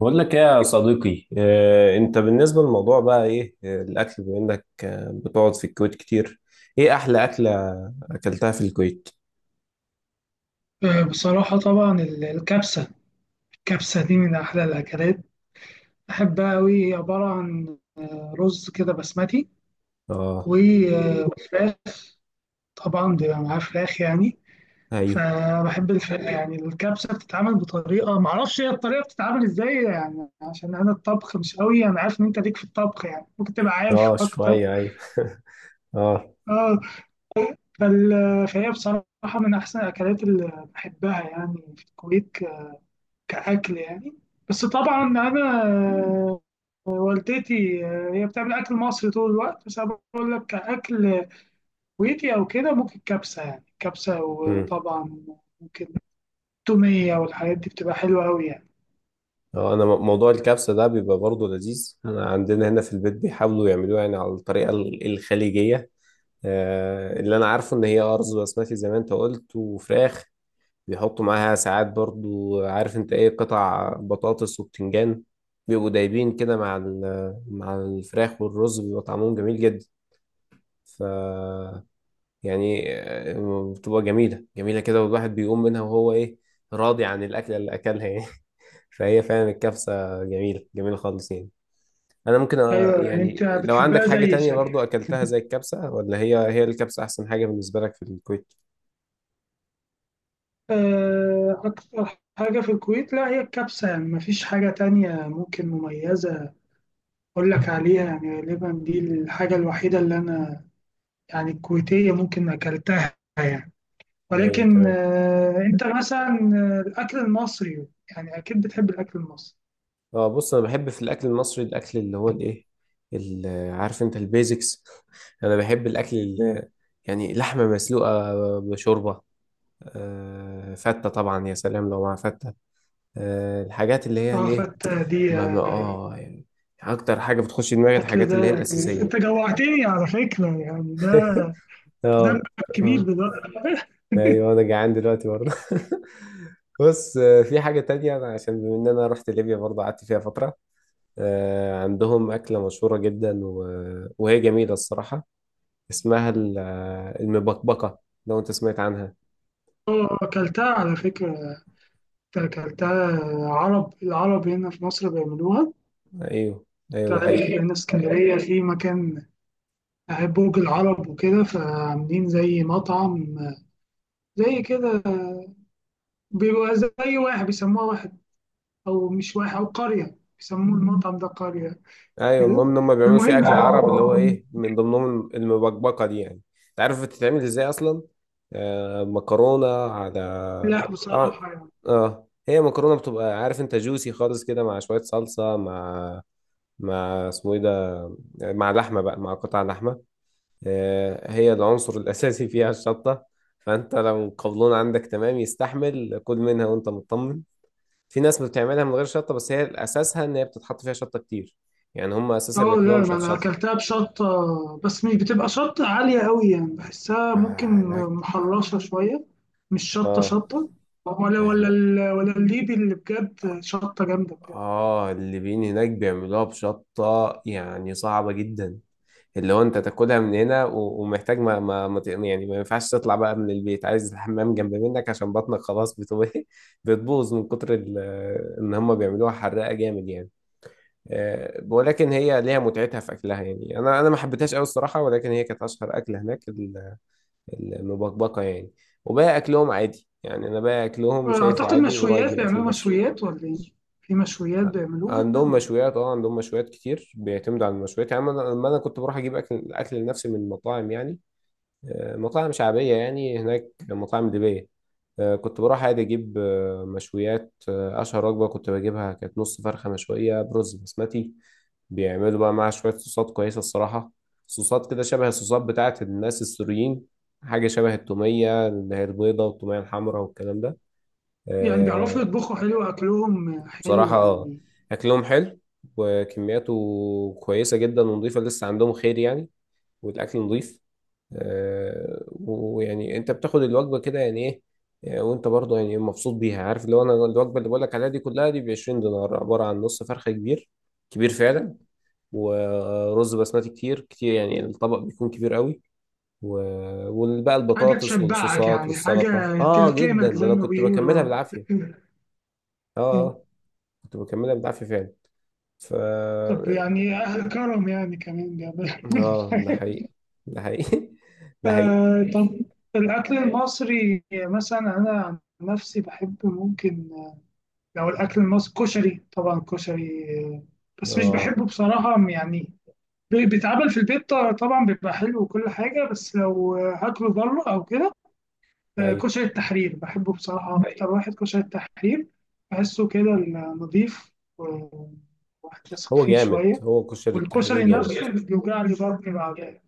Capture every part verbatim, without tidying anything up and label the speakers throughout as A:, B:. A: بقول لك ايه يا صديقي، آه، انت بالنسبة للموضوع بقى ايه، آه، الاكل بما انك آه، بتقعد في الكويت كتير. ايه احلى اكلة اكلتها في الكويت؟
B: آه، بصراحة طبعا ال- الكبسة. الكبسة دي من أحلى الأكلات، بحبها أوي. هي عبارة عن آه، رز كده بسمتي
A: اه،
B: و- آه، وفراخ، طبعا بيبقى معاه فراخ يعني.
A: ايوه،
B: فبحب الف... يعني الكبسة بتتعمل بطريقة معرفش هي الطريقة بتتعمل إزاي، يعني عشان أنا الطبخ مش أوي. أنا عارف إن أنت ليك في الطبخ، يعني ممكن تبقى عارف
A: اه
B: أكتر.
A: شوية، ايوه. اه.
B: آه فال... فهي بصراحة من أحسن الأكلات اللي بحبها يعني في الكويت، كأكل يعني. بس طبعا أنا والدتي هي بتعمل أكل مصري طول الوقت، بس أنا بقول لك كأكل كويتي أو كده ممكن كبسة، يعني كبسة.
A: امم.
B: وطبعا ممكن تومية، والحاجات دي بتبقى حلوة أوي يعني.
A: اه انا م- موضوع الكبسة ده بيبقى برضه لذيذ. انا عندنا هنا في البيت بيحاولوا يعملوها يعني على الطريقة ال- الخليجية. آه، اللي انا عارفه ان هي ارز بسمتي زي ما انت قلت وفراخ. بيحطوا معاها ساعات برضو، عارف انت ايه، قطع بطاطس وبتنجان بيبقوا دايبين كده مع ال- مع الفراخ، والرز بيبقى طعمهم جميل جدا. ف يعني آه، بتبقى جميلة جميلة كده، والواحد بيقوم منها وهو ايه، راضي عن الأكلة اللي أكلها يعني. فهي فعلا الكبسة جميلة جميلة خالص يعني. أنا ممكن آه،
B: أيوة، يعني أنت
A: يعني لو عندك
B: بتحبها
A: حاجة
B: زي
A: تانية برضو
B: شكلك.
A: أكلتها زي الكبسة، ولا هي هي الكبسة أحسن حاجة بالنسبة لك في الكويت؟
B: آه، أكتر حاجة في الكويت لا هي الكبسة، يعني مفيش حاجة تانية ممكن مميزة أقول لك عليها. يعني غالبا دي الحاجة الوحيدة اللي أنا يعني الكويتية ممكن أكلتها يعني.
A: أيوه
B: ولكن
A: تمام.
B: آه، انت مثلا آه، الاكل المصري، يعني اكيد بتحب الاكل المصري.
A: اه بص، انا بحب في الاكل المصري الاكل اللي هو الايه، ال- عارف انت، البيزكس. انا بحب الاكل اللي يعني لحمه مسلوقه بشوربه. آه، فته، طبعا يا سلام لو مع فته. آه، الحاجات اللي هي
B: اه،
A: الايه،
B: فتة دي
A: ما ما
B: آه،
A: اه يعني اكتر حاجه بتخش دماغي
B: اكل،
A: الحاجات اللي
B: ده
A: هي
B: يعني
A: الاساسيه.
B: انت جوعتني على فكرة. يعني ده ذنبك
A: اه.
B: كبير
A: اه
B: دلوقتي.
A: ايوه انا جعان دلوقتي برضه. بص، آه، في حاجه تانية أنا عشان بما ان انا رحت ليبيا برضه قعدت فيها فتره. آه، عندهم أكلة مشهورة جدا و... وهي جميلة الصراحة، اسمها ال- آه، المبكبكة. لو أنت سمعت عنها.
B: اه، اكلتها على فكرة، اكلتها. عرب العرب هنا في مصر بيعملوها.
A: أيوه. أيوه ده
B: تعرف
A: حقيقي.
B: هنا اسكندرية في مكان، آه، برج العرب وكده، فعاملين زي مطعم آه، زي كده. بيبقى زي واحد، بيسموها واحد او مش واحد او قرية، بيسموه المطعم ده قرية
A: أيوه
B: كده.
A: المهم إن هم بيعملوا فيه
B: المهم،
A: أكل عرب اللي هو إيه، من ضمنهم المبكبكة دي يعني. أنت عارف بتتعمل إزاي أصلا؟ آه، مكرونة، على،
B: لا
A: طبعا.
B: بصراحة يعني.
A: آه هي مكرونة بتبقى، عارف أنت، جوسي خالص كده مع شوية صلصة، مع مع اسمه إيه ده، مع لحمة بقى، مع قطع لحمة. آه، هي العنصر الأساسي فيها الشطة. فأنت لو القولون عندك تمام يستحمل كل منها وأنت مطمن. في ناس بتعملها من غير شطة، بس هي أساسها إن هي بتتحط فيها شطة كتير يعني. هم
B: اه
A: أساسها بياكلوها
B: لا، ما انا
A: مشطشطة.
B: اكلتها بشطة، بس مش بتبقى شطة عالية قوي يعني، بحسها ممكن
A: آه، هناك.
B: محرشة شوية. مش شطة
A: آه
B: شطة، ولا ولا
A: هناك.
B: ال- ولا الليبي اللي بجد شطة جامدة بجد.
A: آه الليبيين هناك بيعملوها بشطة يعني صعبة جدا، اللي هو انت تاكلها من هنا و- ومحتاج ما, ما, ما ت- يعني ما ينفعش تطلع بقى من البيت، عايز الحمام جنب منك عشان بطنك خلاص بتبقى بتبوظ من كتر ال- ان هم بيعملوها حراقه جامد يعني. آه، ولكن هي ليها متعتها في اكلها يعني. انا انا ما حبيتهاش قوي الصراحه، ولكن هي كانت اشهر اكله هناك، ال- المبكبكه يعني. وباقي اكلهم عادي يعني، انا باقي اكلهم شايفه
B: اعتقد
A: عادي قريب من
B: مشويات،
A: الاكل
B: بيعملوا
A: المصري.
B: مشويات ولا ايه؟ في مشويات بيعملوها
A: عندهم مشويات، اه عندهم مشويات كتير، بيعتمدوا على المشويات يعني. أنا- لما انا كنت بروح اجيب اكل اكل لنفسي من المطاعم يعني، مطاعم شعبية يعني هناك، مطاعم ليبية آه، كنت بروح عادي أجيب آه، مشويات. آه، أشهر وجبة كنت بجيبها كانت نص فرخة مشوية برز بسمتي. بيعملوا بقى معاها شوية صوصات كويسة الصراحة، صوصات كده شبه الصوصات بتاعت الناس السوريين، حاجة شبه التومية اللي هي البيضة والتومية الحمراء والكلام ده.
B: يعني. بيعرفوا
A: آه،
B: يطبخوا حلو، اكلهم حلو
A: بصراحة آه،
B: يعني.
A: أكلهم حلو وكمياته كويسة جدا ونضيفة، لسه عندهم خير يعني، والأكل نضيف. آه، ويعني انت بتاخد الوجبه كده يعني ايه، آه، وانت برضه يعني مبسوط بيها. عارف اللي هو، انا الوجبه اللي بقولك عليها دي كلها دي ب عشرين دينار، عباره عن نص فرخه كبير، كبير فعلا، ورز بسمتي كتير كتير، يعني الطبق بيكون كبير قوي و- وبقى
B: حاجة
A: البطاطس
B: تشبعك
A: والصوصات
B: يعني،
A: والسلطه،
B: حاجة
A: اه جدا
B: تلكمك
A: ده
B: زي
A: انا
B: ما
A: كنت بكملها
B: بيقولوا.
A: بالعافيه. اه. اه كنت بكملها بالعافيه فعلا. ف
B: طب يعني أهل كرم يعني كمان بيعملوا.
A: اه ده حقيقي. ده حقيقي ده حقيقي.
B: ف- طب الأكل المصري مثلا أنا عن نفسي بحب ممكن، لو الأكل المصري كشري، طبعا كشري، آه، بس مش
A: اه
B: بحبه بصراحة يعني. بي- بيتعمل في البيت، طبعا بيبقى حلو وكل حاجة. بس لو آه، هاكله بره أو كده، آه،
A: ايوه.
B: كشري التحرير بحبه بصراحة. أكتر واحد كشري التحرير، بحسه كده نظيف، وواحد يثق
A: هو
B: فيه
A: جامد،
B: شوية.
A: هو كشري التحرير
B: والكشري
A: جامد.
B: نفسه بيوجع لي بطني بعدين.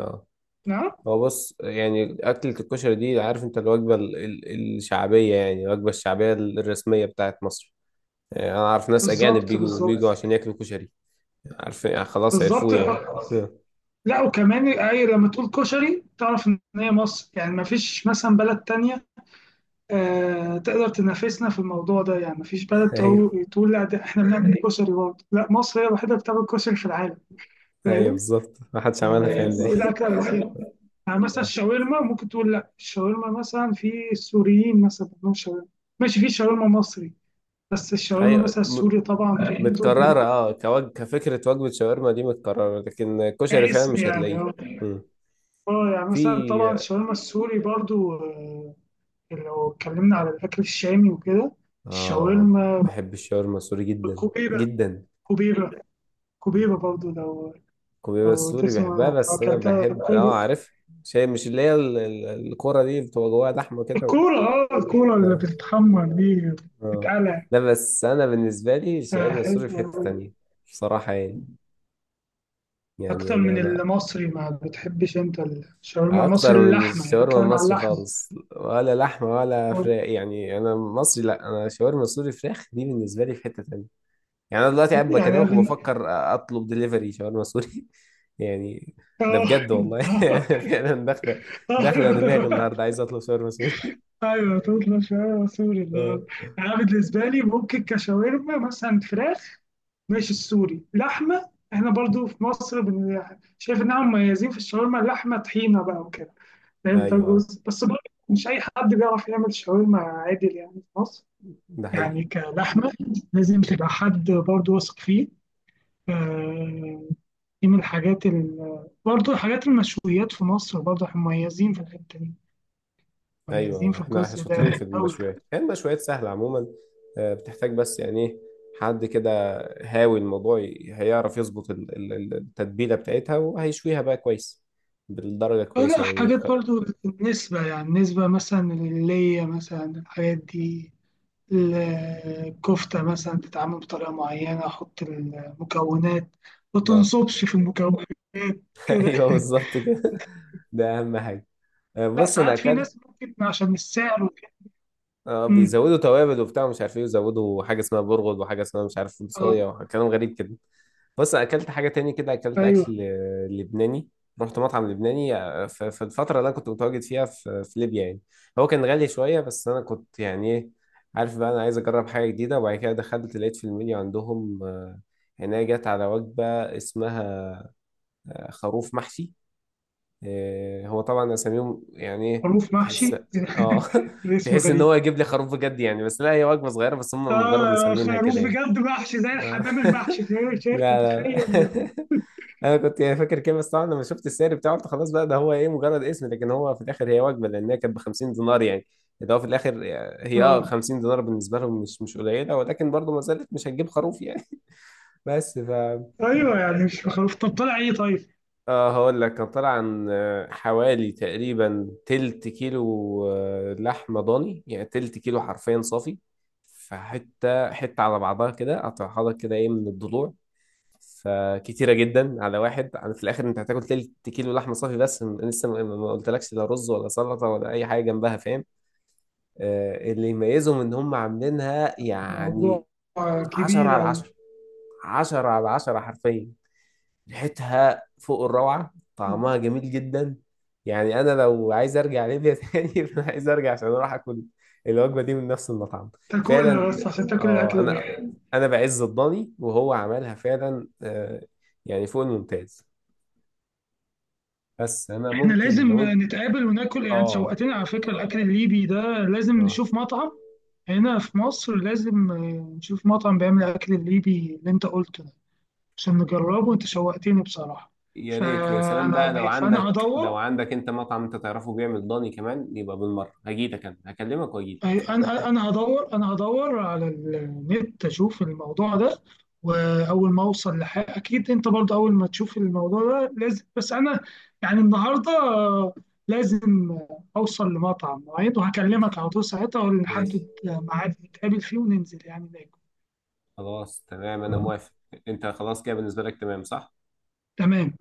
A: اه
B: نعم.
A: هو بص يعني، أكلة الكشري دي عارف أنت الوجبة ال- ال- الشعبية، يعني الوجبة الشعبية ال- الرسمية بتاعت مصر. يعني أنا عارف ناس أجانب
B: بالظبط
A: بيجوا بيجوا
B: بالظبط.
A: عشان ياكلوا كشري، عارف يعني، خلاص
B: بالظبط.
A: عرفوه يعني. آه.
B: لا، وكمان اي لما تقول كشري تعرف ان هي مصر. يعني ما فيش مثلا بلد تانية آه تقدر تنافسنا في الموضوع ده. يعني ما فيش بلد
A: أيوه.
B: تقول تقول لا ده احنا بنعمل كشري برضه. لا، مصر هي الوحيدة اللي بتعمل كشري في العالم.
A: أيوه
B: فاهم؟
A: بالظبط، محدش عملها
B: آه،
A: فاهم زي.
B: دي الأكلة الوحيدة. يعني مثلا الشاورما ممكن تقول لا، الشاورما مثلا في السوريين مثلا بيعملوا شاورما، ماشي. في شاورما مصري، بس الشاورما
A: أيوه
B: مثلا
A: م-
B: السوري طبعا في التوب.
A: متكررة، أه كوج... كفكرة وجبة شاورما دي متكررة، لكن كشري فعلا
B: كاسم
A: مش
B: يعني
A: هتلاقيه.
B: آه.
A: مم.
B: اه يعني مثلا طبعا
A: في.
B: الشاورما السوري برضو آه، لو اتكلمنا على الأكل الشامي وكده،
A: آه
B: الشاورما،
A: بحب الشاورما السوري جدا،
B: كوبيبة،
A: جدا.
B: كوبيبة. كوبيبة برضو لو
A: الكوبيبه
B: لو
A: السوري بحبها،
B: تسمع، لو
A: بس انا
B: أكلتها
A: بحب
B: كوبي-
A: اه عارف، شيء مش اللي هي ال- ال- الكرة دي بتبقى جواها لحمه كده و...
B: الكورة. اه، الكورة اللي
A: اه.
B: بتتحمر دي،
A: اه
B: بتتقلع.
A: لا بس انا بالنسبه لي
B: آه،
A: الشاورما
B: حلوة
A: السوري في حته
B: أوي.
A: تانية بصراحه يعني. يعني
B: أكتر
A: انا،
B: من المصري، ما بتحبش أنت الشاورما
A: انا اكتر
B: المصري
A: من
B: اللحمة؟ يعني
A: الشاورما
B: بتكلم على
A: المصري
B: اللحمة.
A: خالص، ولا لحمه ولا فراخ يعني، انا مصري، لا انا شاورما سوري فراخ دي بالنسبه لي في حته تانية. يعني انا دلوقتي قاعد
B: يعني
A: بكلمك
B: أنا-
A: وبفكر اطلب دليفري شاورما سوري يعني. ده
B: اه.
A: بجد والله. فعلا داخله، داخله دماغي النهارده عايز اطلب شاورما سوري.
B: ايوه، تطلع شاورما سوري
A: اه
B: النهارده. يعني انا بالنسبه لي ممكن كشاورما مثلا فراخ ماشي، السوري لحمه. احنا برضو في مصر بن... شايف ان هم مميزين في الشاورما اللحمه، طحينه بقى وكده، فاهم؟ ده
A: ايوه. آه.
B: جزء بس برضو مش اي حد بيعرف يعمل شاورما عادل يعني في مصر.
A: ده حقيقي.
B: يعني كلحمه لازم تبقى حد برضو واثق فيه. آه، دي من الحاجات ال... برضو حاجات المشويات في مصر برضو احنا مميزين في الحته دي،
A: ايوه
B: مميزين
A: آه.
B: في
A: احنا، احنا
B: الجزء
A: شاطرين
B: ده
A: في
B: قوي.
A: المشويات. هي المشويات سهله عموما، آه، بتحتاج بس يعني ايه، حد كده هاوي الموضوع ي- هيعرف يظبط ال- ال- ال- التتبيله بتاعتها، وهيشويها بقى كويس بالدرجه
B: آه،
A: كويسه،
B: لا
A: يعني يخ-
B: حاجات برضو النسبة، يعني النسبة مثلا اللي مثلا الحاجات دي، الكفتة مثلا تتعمل بطريقة معينة، أحط المكونات، ما
A: اه.
B: تنصبش في المكونات كده.
A: ايوه بالظبط كده. ده اهم حاجه. آه،
B: لا
A: بص انا
B: ساعات في
A: اكلت،
B: ناس ممكن عشان السعر وكده.
A: اه
B: أمم،
A: بيزودوا توابل وبتاع مش عارف ايه، وزودوا حاجه اسمها برغل وحاجه اسمها مش عارف فول صويا
B: اه.
A: وكلام غريب كده. بص اكلت حاجه تاني كده، اكلت
B: ايوه
A: اكل آه، لبناني، رحت مطعم لبناني آه، ف- في الفتره اللي انا كنت متواجد فيها في في ليبيا يعني. هو كان غالي شويه، بس انا كنت يعني ايه، عارف بقى انا عايز اجرب حاجه جديده. وبعد كده دخلت لقيت في المنيو عندهم آه، هنا جت على وجبه اسمها آه، خروف محشي. إيه، هو طبعا اساميهم يعني ايه،
B: خروف
A: تحس،
B: محشي.
A: اه
B: الاسم
A: تحس ان
B: غريب.
A: هو يجيب لي خروف بجد يعني، بس لا هي وجبه صغيره بس هم مجرد
B: اه
A: مسمينها
B: خروف
A: كده يعني.
B: بجد محشي زي
A: آه.
B: الحمام المحشي في شركة،
A: لا لا لا.
B: تخيل!
A: انا كنت يعني فاكر كده، بس طبعا لما شفت السعر بتاعه قلت خلاص بقى، ده هو ايه مجرد اسم، لكن هو في الاخر هي وجبه، لان هي كانت ب خمسين دينار يعني، ده هو في الاخر. هي اه
B: اه
A: خمسين دينار بالنسبه لهم مش مش قليله، ولكن برضه ما زالت مش هتجيب خروف يعني. بس ف
B: ايوه، يعني مش خروف. طب طلع ايه طيب؟
A: اه هقول لك، كان طالع عن آه، حوالي تقريبا تلت كيلو، آه، لحمة ضاني، يعني تلت كيلو حرفيا صافي. فحتة حتة على بعضها كده، قطعها لك كده ايه من الضلوع، فكتيرة جدا على واحد. يعني في الآخر أنت هتاكل تلت كيلو لحمة صافي، بس م- لسه ما ما- ما قلتلكش لا رز ولا سلطة ولا أي حاجة جنبها، فاهم. آه، اللي يميزهم إن هم عاملينها يعني
B: موضوع آه،
A: عشرة
B: كبير
A: على
B: أوي.
A: عشرة عشرة على عشرة حرفيا. ريحتها فوق الروعة، طعمها جميل جدا. يعني أنا لو عايز أرجع ليبيا تاني، فأنا عايز أرجع عشان أروح أكل الوجبة دي من نفس المطعم،
B: تاكلها
A: فعلا.
B: بس عشان تاكل
A: آه
B: الاكل ده.
A: أنا، أنا بعز الضاني وهو عملها فعلا آه، يعني فوق الممتاز. بس أنا
B: احنا
A: ممكن
B: لازم
A: لو أنت.
B: نتقابل وناكل، يعني
A: آه.
B: شوقتنا على فكرة الأكل الليبي ده. لازم
A: آه
B: نشوف مطعم هنا في مصر، لازم آه، نشوف مطعم بيعمل الأكل الليبي اللي أنت قلته ده عشان نجربه. أنت شوقتني بصراحة.
A: يا ريت، ويا سلام بقى لو
B: فأنا فأنا
A: عندك، لو
B: هدور.
A: عندك أنت مطعم أنت تعرفه بيعمل ضاني كمان، يبقى بالمرة هجيلك، أنا هكلمك وأجيلك.
B: أي- انا انا هدور، انا هدور على النت اشوف الموضوع ده. واول ما اوصل لحاجه اكيد انت برضه اول ما تشوف الموضوع ده لازم. بس انا يعني النهارده آه، لازم اوصل لمطعم معين وهكلمك على طول ساعتها،
A: ماشي.
B: ونحدد ميعاد نتقابل فيه وننزل يعني ناكل.
A: خلاص تمام أنا موافق. أنت خلاص كده بالنسبة لك تمام صح؟
B: تمام